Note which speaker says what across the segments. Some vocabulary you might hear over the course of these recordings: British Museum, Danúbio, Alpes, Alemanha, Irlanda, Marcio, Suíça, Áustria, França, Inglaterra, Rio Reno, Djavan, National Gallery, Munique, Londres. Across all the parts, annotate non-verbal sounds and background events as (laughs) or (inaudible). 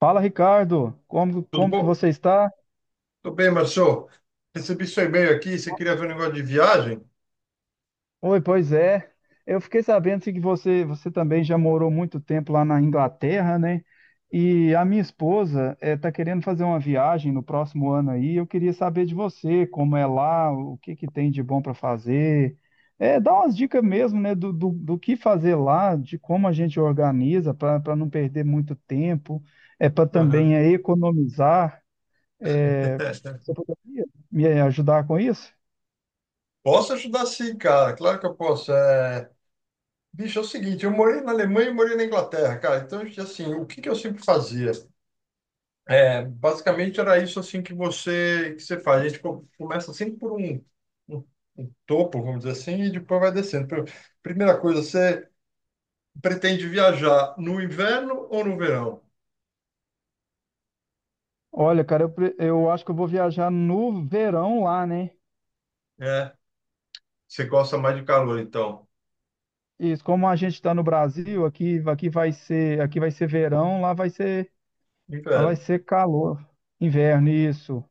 Speaker 1: Fala, Ricardo, como,
Speaker 2: Tudo
Speaker 1: como que
Speaker 2: bom?
Speaker 1: você está?
Speaker 2: Tudo bem, Marcio. Recebi seu e-mail aqui. Você queria ver um negócio de viagem?
Speaker 1: Oi, pois é. Eu fiquei sabendo assim, que você também já morou muito tempo lá na Inglaterra, né? E a minha esposa está querendo fazer uma viagem no próximo ano aí. Eu queria saber de você, como é lá, o que que tem de bom para fazer. É, dá umas dicas mesmo, né, do que fazer lá, de como a gente organiza para não perder muito tempo, é para
Speaker 2: Aham.
Speaker 1: também é, economizar. É, Você
Speaker 2: (laughs)
Speaker 1: poderia me ajudar com isso?
Speaker 2: Posso ajudar sim, cara. Claro que eu posso. Bicho, é o seguinte, eu morei na Alemanha e morei na Inglaterra, cara. Então, assim, o que que eu sempre fazia? Basicamente era isso assim que você faz. A gente começa sempre por um- um topo, vamos dizer assim, e depois vai descendo. Primeira coisa, você pretende viajar no inverno ou no verão?
Speaker 1: Olha, cara, eu, eu acho que eu vou viajar no verão lá, né?
Speaker 2: É, você gosta mais de calor, então?
Speaker 1: Isso, como a gente está no Brasil, aqui, aqui vai ser verão, lá vai
Speaker 2: Inverno.
Speaker 1: ser calor, inverno, isso.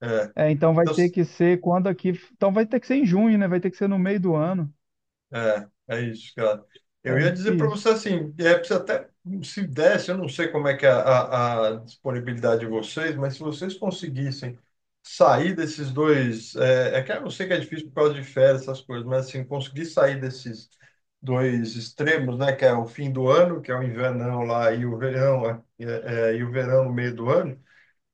Speaker 2: É,
Speaker 1: É, então vai
Speaker 2: então,
Speaker 1: ter que ser quando aqui, então vai ter que ser em junho, né? Vai ter que ser no meio do ano.
Speaker 2: é, é isso, cara. Eu ia dizer para
Speaker 1: Isso.
Speaker 2: você assim, se até se desse, eu não sei como é que é a disponibilidade de vocês, mas se vocês conseguissem sair desses dois, que eu sei que é difícil por causa de férias, essas coisas, mas assim, conseguir sair desses dois extremos, né, que é o fim do ano, que é o invernão lá, e o verão, e o verão no meio do ano.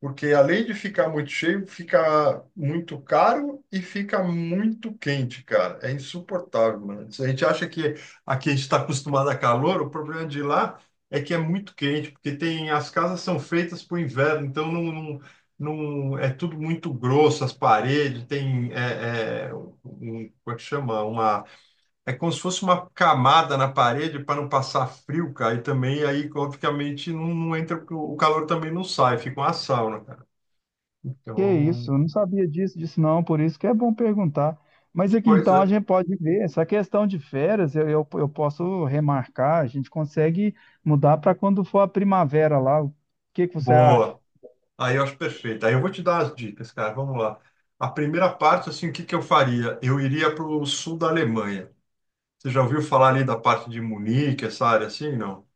Speaker 2: Porque além de ficar muito cheio, fica muito caro e fica muito quente, cara. É insuportável, mano. Se a gente acha que aqui a gente está acostumado a calor, o problema de lá é que é muito quente, porque tem as casas são feitas para o inverno, então é tudo muito grosso, as paredes tem um, como é que chama? Uma é como se fosse uma camada na parede para não passar frio, cara. E também aí, obviamente, não entra, o calor também não sai, fica uma sauna, cara.
Speaker 1: Que isso,
Speaker 2: Então,
Speaker 1: eu não sabia disso não, por isso que é bom perguntar. Mas aqui então a
Speaker 2: coisa
Speaker 1: gente pode ver, essa questão de férias, eu posso remarcar, a gente consegue mudar para quando for a primavera lá. O que que você acha?
Speaker 2: boa. Aí eu acho perfeito. Aí eu vou te dar as dicas, cara. Vamos lá. A primeira parte, assim, o que que eu faria? Eu iria para o sul da Alemanha. Você já ouviu falar ali da parte de Munique, essa área assim? Não?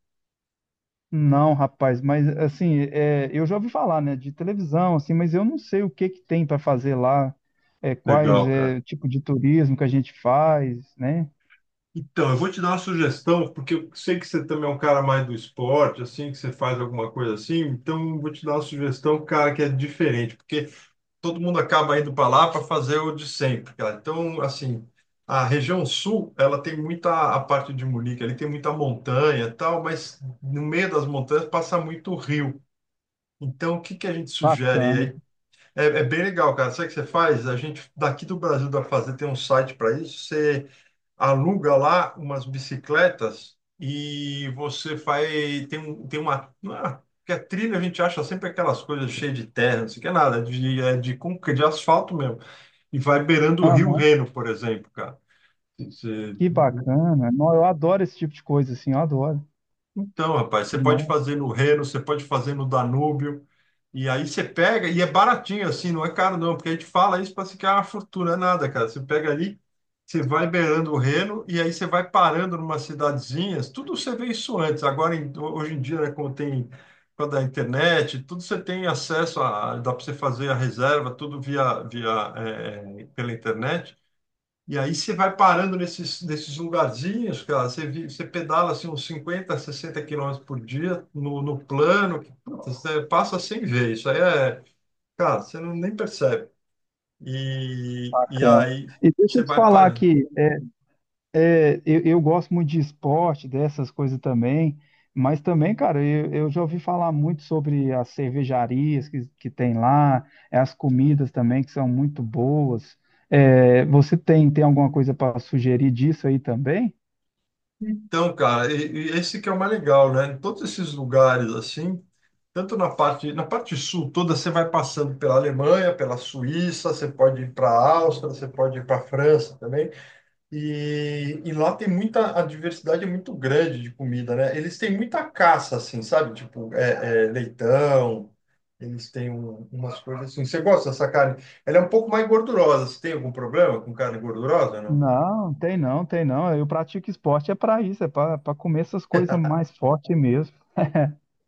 Speaker 1: Não, rapaz, mas assim, é, eu já ouvi falar, né, de televisão, assim, mas eu não sei o que que tem para fazer lá, é, quais
Speaker 2: Legal, cara.
Speaker 1: é tipo de turismo que a gente faz, né?
Speaker 2: Então, eu vou te dar uma sugestão, porque eu sei que você também é um cara mais do esporte, assim, que você faz alguma coisa assim. Então, eu vou te dar uma sugestão, cara, que é diferente, porque todo mundo acaba indo para lá para fazer o de sempre, cara. Então, assim, a região sul, ela tem muita, a parte de Munique, ali tem muita montanha e tal, mas no meio das montanhas passa muito rio. Então, o que que a gente sugere
Speaker 1: Bacana.
Speaker 2: aí? É bem legal, cara. Sabe o que você faz? A gente daqui do Brasil da fazer, tem um site para isso. Você aluga lá umas bicicletas e você faz. Tem uma. Não é- Porque a trilha a gente acha sempre aquelas coisas cheias de terra, não sei o que é nada, de, é de, concre- de asfalto mesmo. E vai beirando o Rio
Speaker 1: Aham,
Speaker 2: Reno, por exemplo, cara. Você-
Speaker 1: que bacana. Não, eu adoro esse tipo de coisa, assim, eu adoro.
Speaker 2: Então, rapaz, você pode fazer
Speaker 1: Nossa,
Speaker 2: no Reno, você pode fazer no Danúbio, e aí você pega, e é baratinho assim, não é caro não, porque a gente fala isso para se que é uma fortuna, é nada, cara. Você pega ali, você vai beirando o Reno, e aí você vai parando numa cidadezinhas, tudo você vê isso antes. Agora, hoje em dia, né, como tem, com a da internet, tudo você tem acesso a, dá para você fazer a reserva, tudo pela internet. E aí você vai parando nesses lugarzinhos, cara, você, você pedala assim uns 50, 60 quilômetros por dia no plano, que puta, você passa sem ver, isso aí é, cara, você não, nem percebe. E
Speaker 1: cara.
Speaker 2: aí
Speaker 1: E deixa
Speaker 2: você
Speaker 1: eu te
Speaker 2: vai
Speaker 1: falar
Speaker 2: parando.
Speaker 1: aqui. É, eu gosto muito de esporte, dessas coisas também, mas também, cara, eu já ouvi falar muito sobre as cervejarias que tem lá, é, as comidas também que são muito boas. É, você tem, tem alguma coisa para sugerir disso aí também?
Speaker 2: Então, cara, e esse que é o mais legal, né? Em todos esses lugares assim, tanto na parte sul toda, você vai passando pela Alemanha, pela Suíça, você pode ir para a Áustria, você pode ir para a França também. E lá tem muita, a diversidade é muito grande de comida, né? Eles têm muita caça, assim, sabe? Tipo, leitão, eles têm umas coisas assim. Você gosta dessa carne? Ela é um pouco mais gordurosa. Você tem algum problema com carne gordurosa, não?
Speaker 1: Não, tem não, tem não. Eu pratico esporte é para isso, é para comer essas coisas mais fortes mesmo.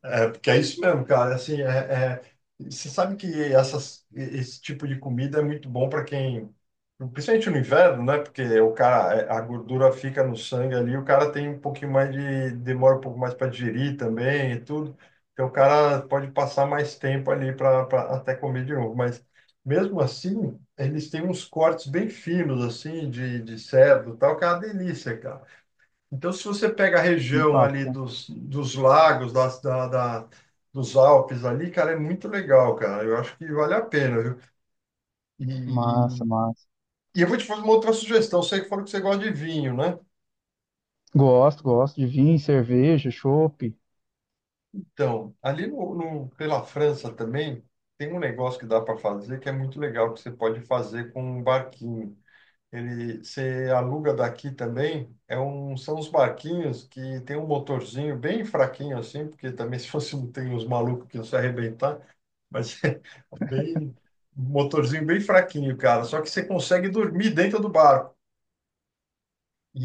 Speaker 2: Porque é isso mesmo, cara. Assim, é- você sabe que essas, esse tipo de comida é muito bom para quem, principalmente no inverno, né? Porque o cara, a gordura fica no sangue ali, o cara tem um pouquinho mais de, demora um pouco mais para digerir também e tudo. Então o cara pode passar mais tempo ali para até comer de novo. Mas mesmo assim, eles têm uns cortes bem finos, assim, de cerdo e tal, que é uma delícia, cara. Então, se você pega a região ali
Speaker 1: Impacta.
Speaker 2: dos lagos, dos Alpes ali, cara, é muito legal, cara. Eu acho que vale a pena, viu? E,
Speaker 1: Massa, massa.
Speaker 2: e eu vou te fazer uma outra sugestão. Sei que falou que você gosta de vinho, né?
Speaker 1: Gosto, gosto de vinho, cerveja, chopp.
Speaker 2: Então, ali pela França também, tem um negócio que dá para fazer que é muito legal, que você pode fazer com um barquinho. Ele, você aluga daqui também, são uns barquinhos que tem um motorzinho bem fraquinho assim, porque também (laughs) se fosse, tem uns malucos que iam se arrebentar. Mas (laughs) é bem, um motorzinho bem fraquinho, cara. Só que você consegue dormir dentro do barco. E,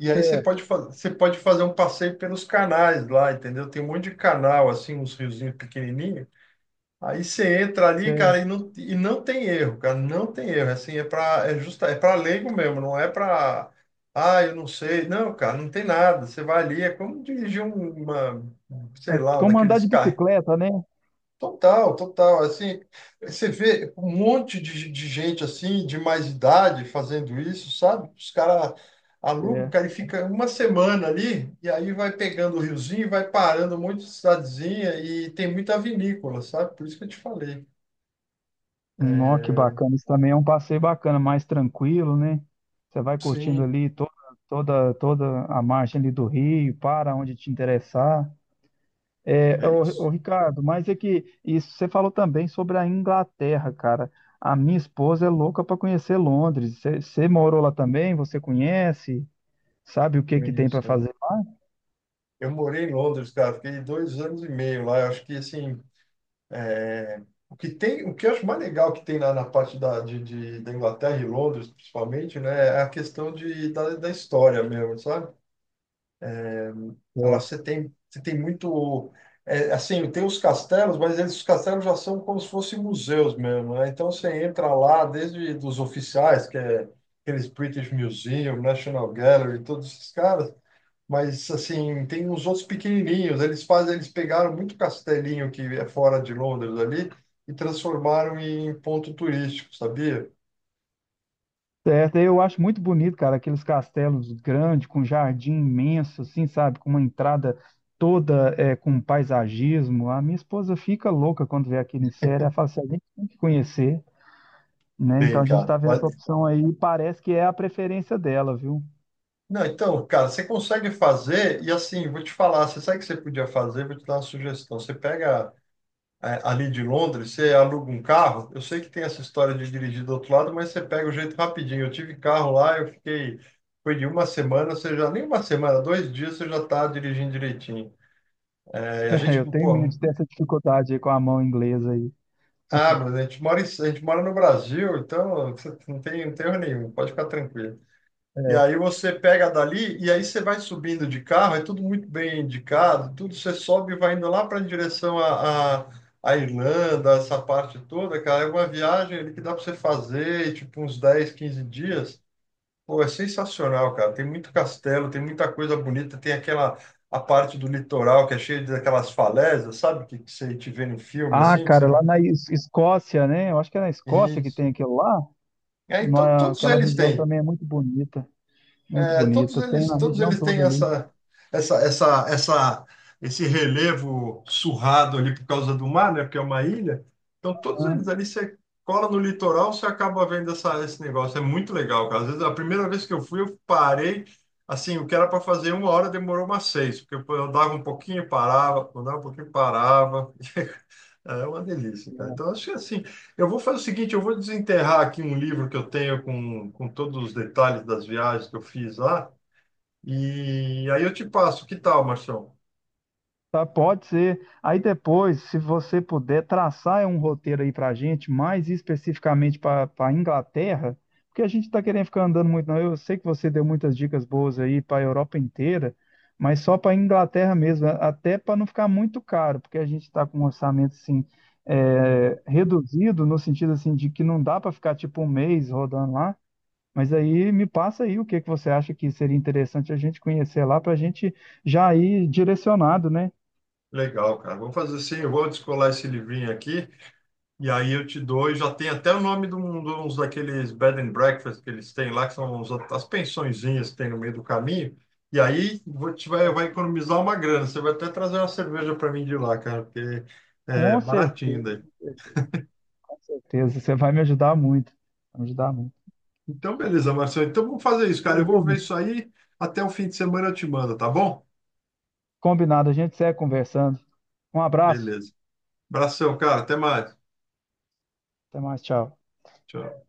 Speaker 2: e aí você
Speaker 1: Certo,
Speaker 2: pode, você pode fazer um passeio pelos canais lá, entendeu? Tem um monte de canal, assim, uns riozinhos pequenininhos. Aí você entra ali, cara,
Speaker 1: certo.
Speaker 2: e não tem erro, cara, não tem erro. É assim, é para é justa, é para leigo mesmo, não é para ah, eu não sei. Não, cara, não tem nada. Você vai ali, é como dirigir uma, sei
Speaker 1: É
Speaker 2: lá, um
Speaker 1: como andar
Speaker 2: daqueles
Speaker 1: de
Speaker 2: carros.
Speaker 1: bicicleta, né?
Speaker 2: Total, total. Assim, você vê um monte de gente assim, de mais idade, fazendo isso, sabe? Os caras alugam, o cara e
Speaker 1: Certo.
Speaker 2: fica uma semana ali, e aí vai pegando o riozinho, e vai parando um monte de cidadezinha, e tem muita vinícola, sabe? Por isso que eu te falei.
Speaker 1: Nó, que
Speaker 2: É,
Speaker 1: bacana. Isso também é um passeio bacana, mais tranquilo, né? Você vai curtindo
Speaker 2: sim,
Speaker 1: ali toda, toda a margem ali do rio, para onde te interessar. É,
Speaker 2: é isso.
Speaker 1: Ricardo, mas é que isso você falou também sobre a Inglaterra, cara. A minha esposa é louca para conhecer Londres. Você morou lá também? Você conhece? Sabe o que
Speaker 2: É
Speaker 1: que tem
Speaker 2: isso,
Speaker 1: para
Speaker 2: cara.
Speaker 1: fazer lá?
Speaker 2: Eu morei em Londres, cara, fiquei 2 anos e meio lá. Eu acho que, assim, o que tem, o que eu acho mais legal que tem na, na parte da, de- da Inglaterra e Londres, principalmente, né, é a questão da história mesmo, sabe? Ela você tem muito, é, assim, tem os castelos, mas eles, os castelos já são como se fossem museus mesmo, né? Então você entra lá, desde dos oficiais, que é aqueles British Museum, National Gallery, todos esses caras, mas assim, tem uns outros pequenininhos. Eles fazem, eles pegaram muito castelinho que é fora de Londres ali e transformaram em ponto turístico, sabia?
Speaker 1: Certo, eu acho muito bonito, cara, aqueles castelos grandes, com jardim imenso, assim, sabe? Com uma entrada toda é, com paisagismo. A minha esposa fica louca quando vê aquilo em série. Ela fala assim, a gente tem que conhecer, né? Então
Speaker 2: Tem,
Speaker 1: a gente
Speaker 2: cara.
Speaker 1: está vendo essa opção aí e parece que é a preferência dela, viu?
Speaker 2: Não, então, cara, você consegue fazer e assim, vou te falar, você sabe o que você podia fazer? Vou te dar uma sugestão. Você pega ali de Londres, você aluga um carro. Eu sei que tem essa história de dirigir do outro lado, mas você pega o jeito rapidinho. Eu tive carro lá, eu fiquei, foi de uma semana, você já nem uma semana, dois dias você já está dirigindo direitinho. É, a
Speaker 1: (laughs) É,
Speaker 2: gente,
Speaker 1: eu tenho
Speaker 2: pô,
Speaker 1: medo de ter essa dificuldade aí com a mão inglesa aí.
Speaker 2: ah, mas a gente mora, a gente mora no Brasil, então você não tem, não tem erro nenhum, pode ficar tranquilo. E aí
Speaker 1: É.
Speaker 2: você pega dali e aí você vai subindo de carro, é tudo muito bem indicado, tudo você sobe e vai indo lá para em direção à Irlanda, essa parte toda, cara, é uma viagem ali que dá para você fazer, tipo uns 10, 15 dias. Pô, é sensacional, cara. Tem muito castelo, tem muita coisa bonita, tem aquela a parte do litoral que é cheia daquelas falésias, sabe? Que você te vê no filme,
Speaker 1: Ah,
Speaker 2: assim, que você
Speaker 1: cara, lá
Speaker 2: vai.
Speaker 1: na Escócia, né? Eu acho que é na Escócia que
Speaker 2: Isso.
Speaker 1: tem aquilo lá.
Speaker 2: E aí todos
Speaker 1: Aquela
Speaker 2: eles
Speaker 1: região
Speaker 2: têm,
Speaker 1: também é muito bonita, muito bonita. Tem na
Speaker 2: todos
Speaker 1: região
Speaker 2: eles têm
Speaker 1: toda ali.
Speaker 2: essa, esse relevo surrado ali por causa do mar, né? Porque é uma ilha. Então todos
Speaker 1: Né?
Speaker 2: eles ali você cola no litoral, você acaba vendo esse negócio. É muito legal, cara. Às vezes a primeira vez que eu fui, eu parei. Assim, o que era para fazer uma hora demorou umas seis, porque eu dava um pouquinho, parava, dava um pouquinho, parava. Ah, é uma delícia, cara. Então, acho que assim, eu vou fazer o seguinte, eu vou desenterrar aqui um livro que eu tenho com todos os detalhes das viagens que eu fiz lá, e aí eu te passo. Que tal, Marção?
Speaker 1: Tá, pode ser. Aí depois, se você puder traçar um roteiro aí para a gente, mais especificamente para a Inglaterra, porque a gente está querendo ficar andando muito, não. Eu sei que você deu muitas dicas boas aí para a Europa inteira, mas só para a Inglaterra mesmo, até para não ficar muito caro, porque a gente está com um orçamento assim,
Speaker 2: Uhum.
Speaker 1: é, reduzido, no sentido assim, de que não dá para ficar tipo um mês rodando lá. Mas aí me passa aí o que que você acha que seria interessante a gente conhecer lá para a gente já ir direcionado, né?
Speaker 2: Legal, cara. Vou fazer assim, eu vou descolar esse livrinho aqui, e aí eu te dou, e já tem até o nome de, um, de uns daqueles bed and breakfast que eles têm lá, que são as pensõezinhas que tem no meio do caminho, e aí vai economizar uma grana. Você vai até trazer uma cerveja para mim de lá, cara, porque é
Speaker 1: Com
Speaker 2: baratinho
Speaker 1: certeza,
Speaker 2: daí.
Speaker 1: com certeza. Você vai me ajudar muito. Vai me ajudar muito.
Speaker 2: Então, beleza, Marcelo. Então, vamos fazer isso, cara. Eu vou ver
Speaker 1: Beleza.
Speaker 2: isso aí. Até o fim de semana eu te mando, tá bom?
Speaker 1: Combinado, a gente segue conversando. Um abraço.
Speaker 2: Beleza. Abração, cara. Até mais.
Speaker 1: Até mais, tchau.
Speaker 2: Tchau.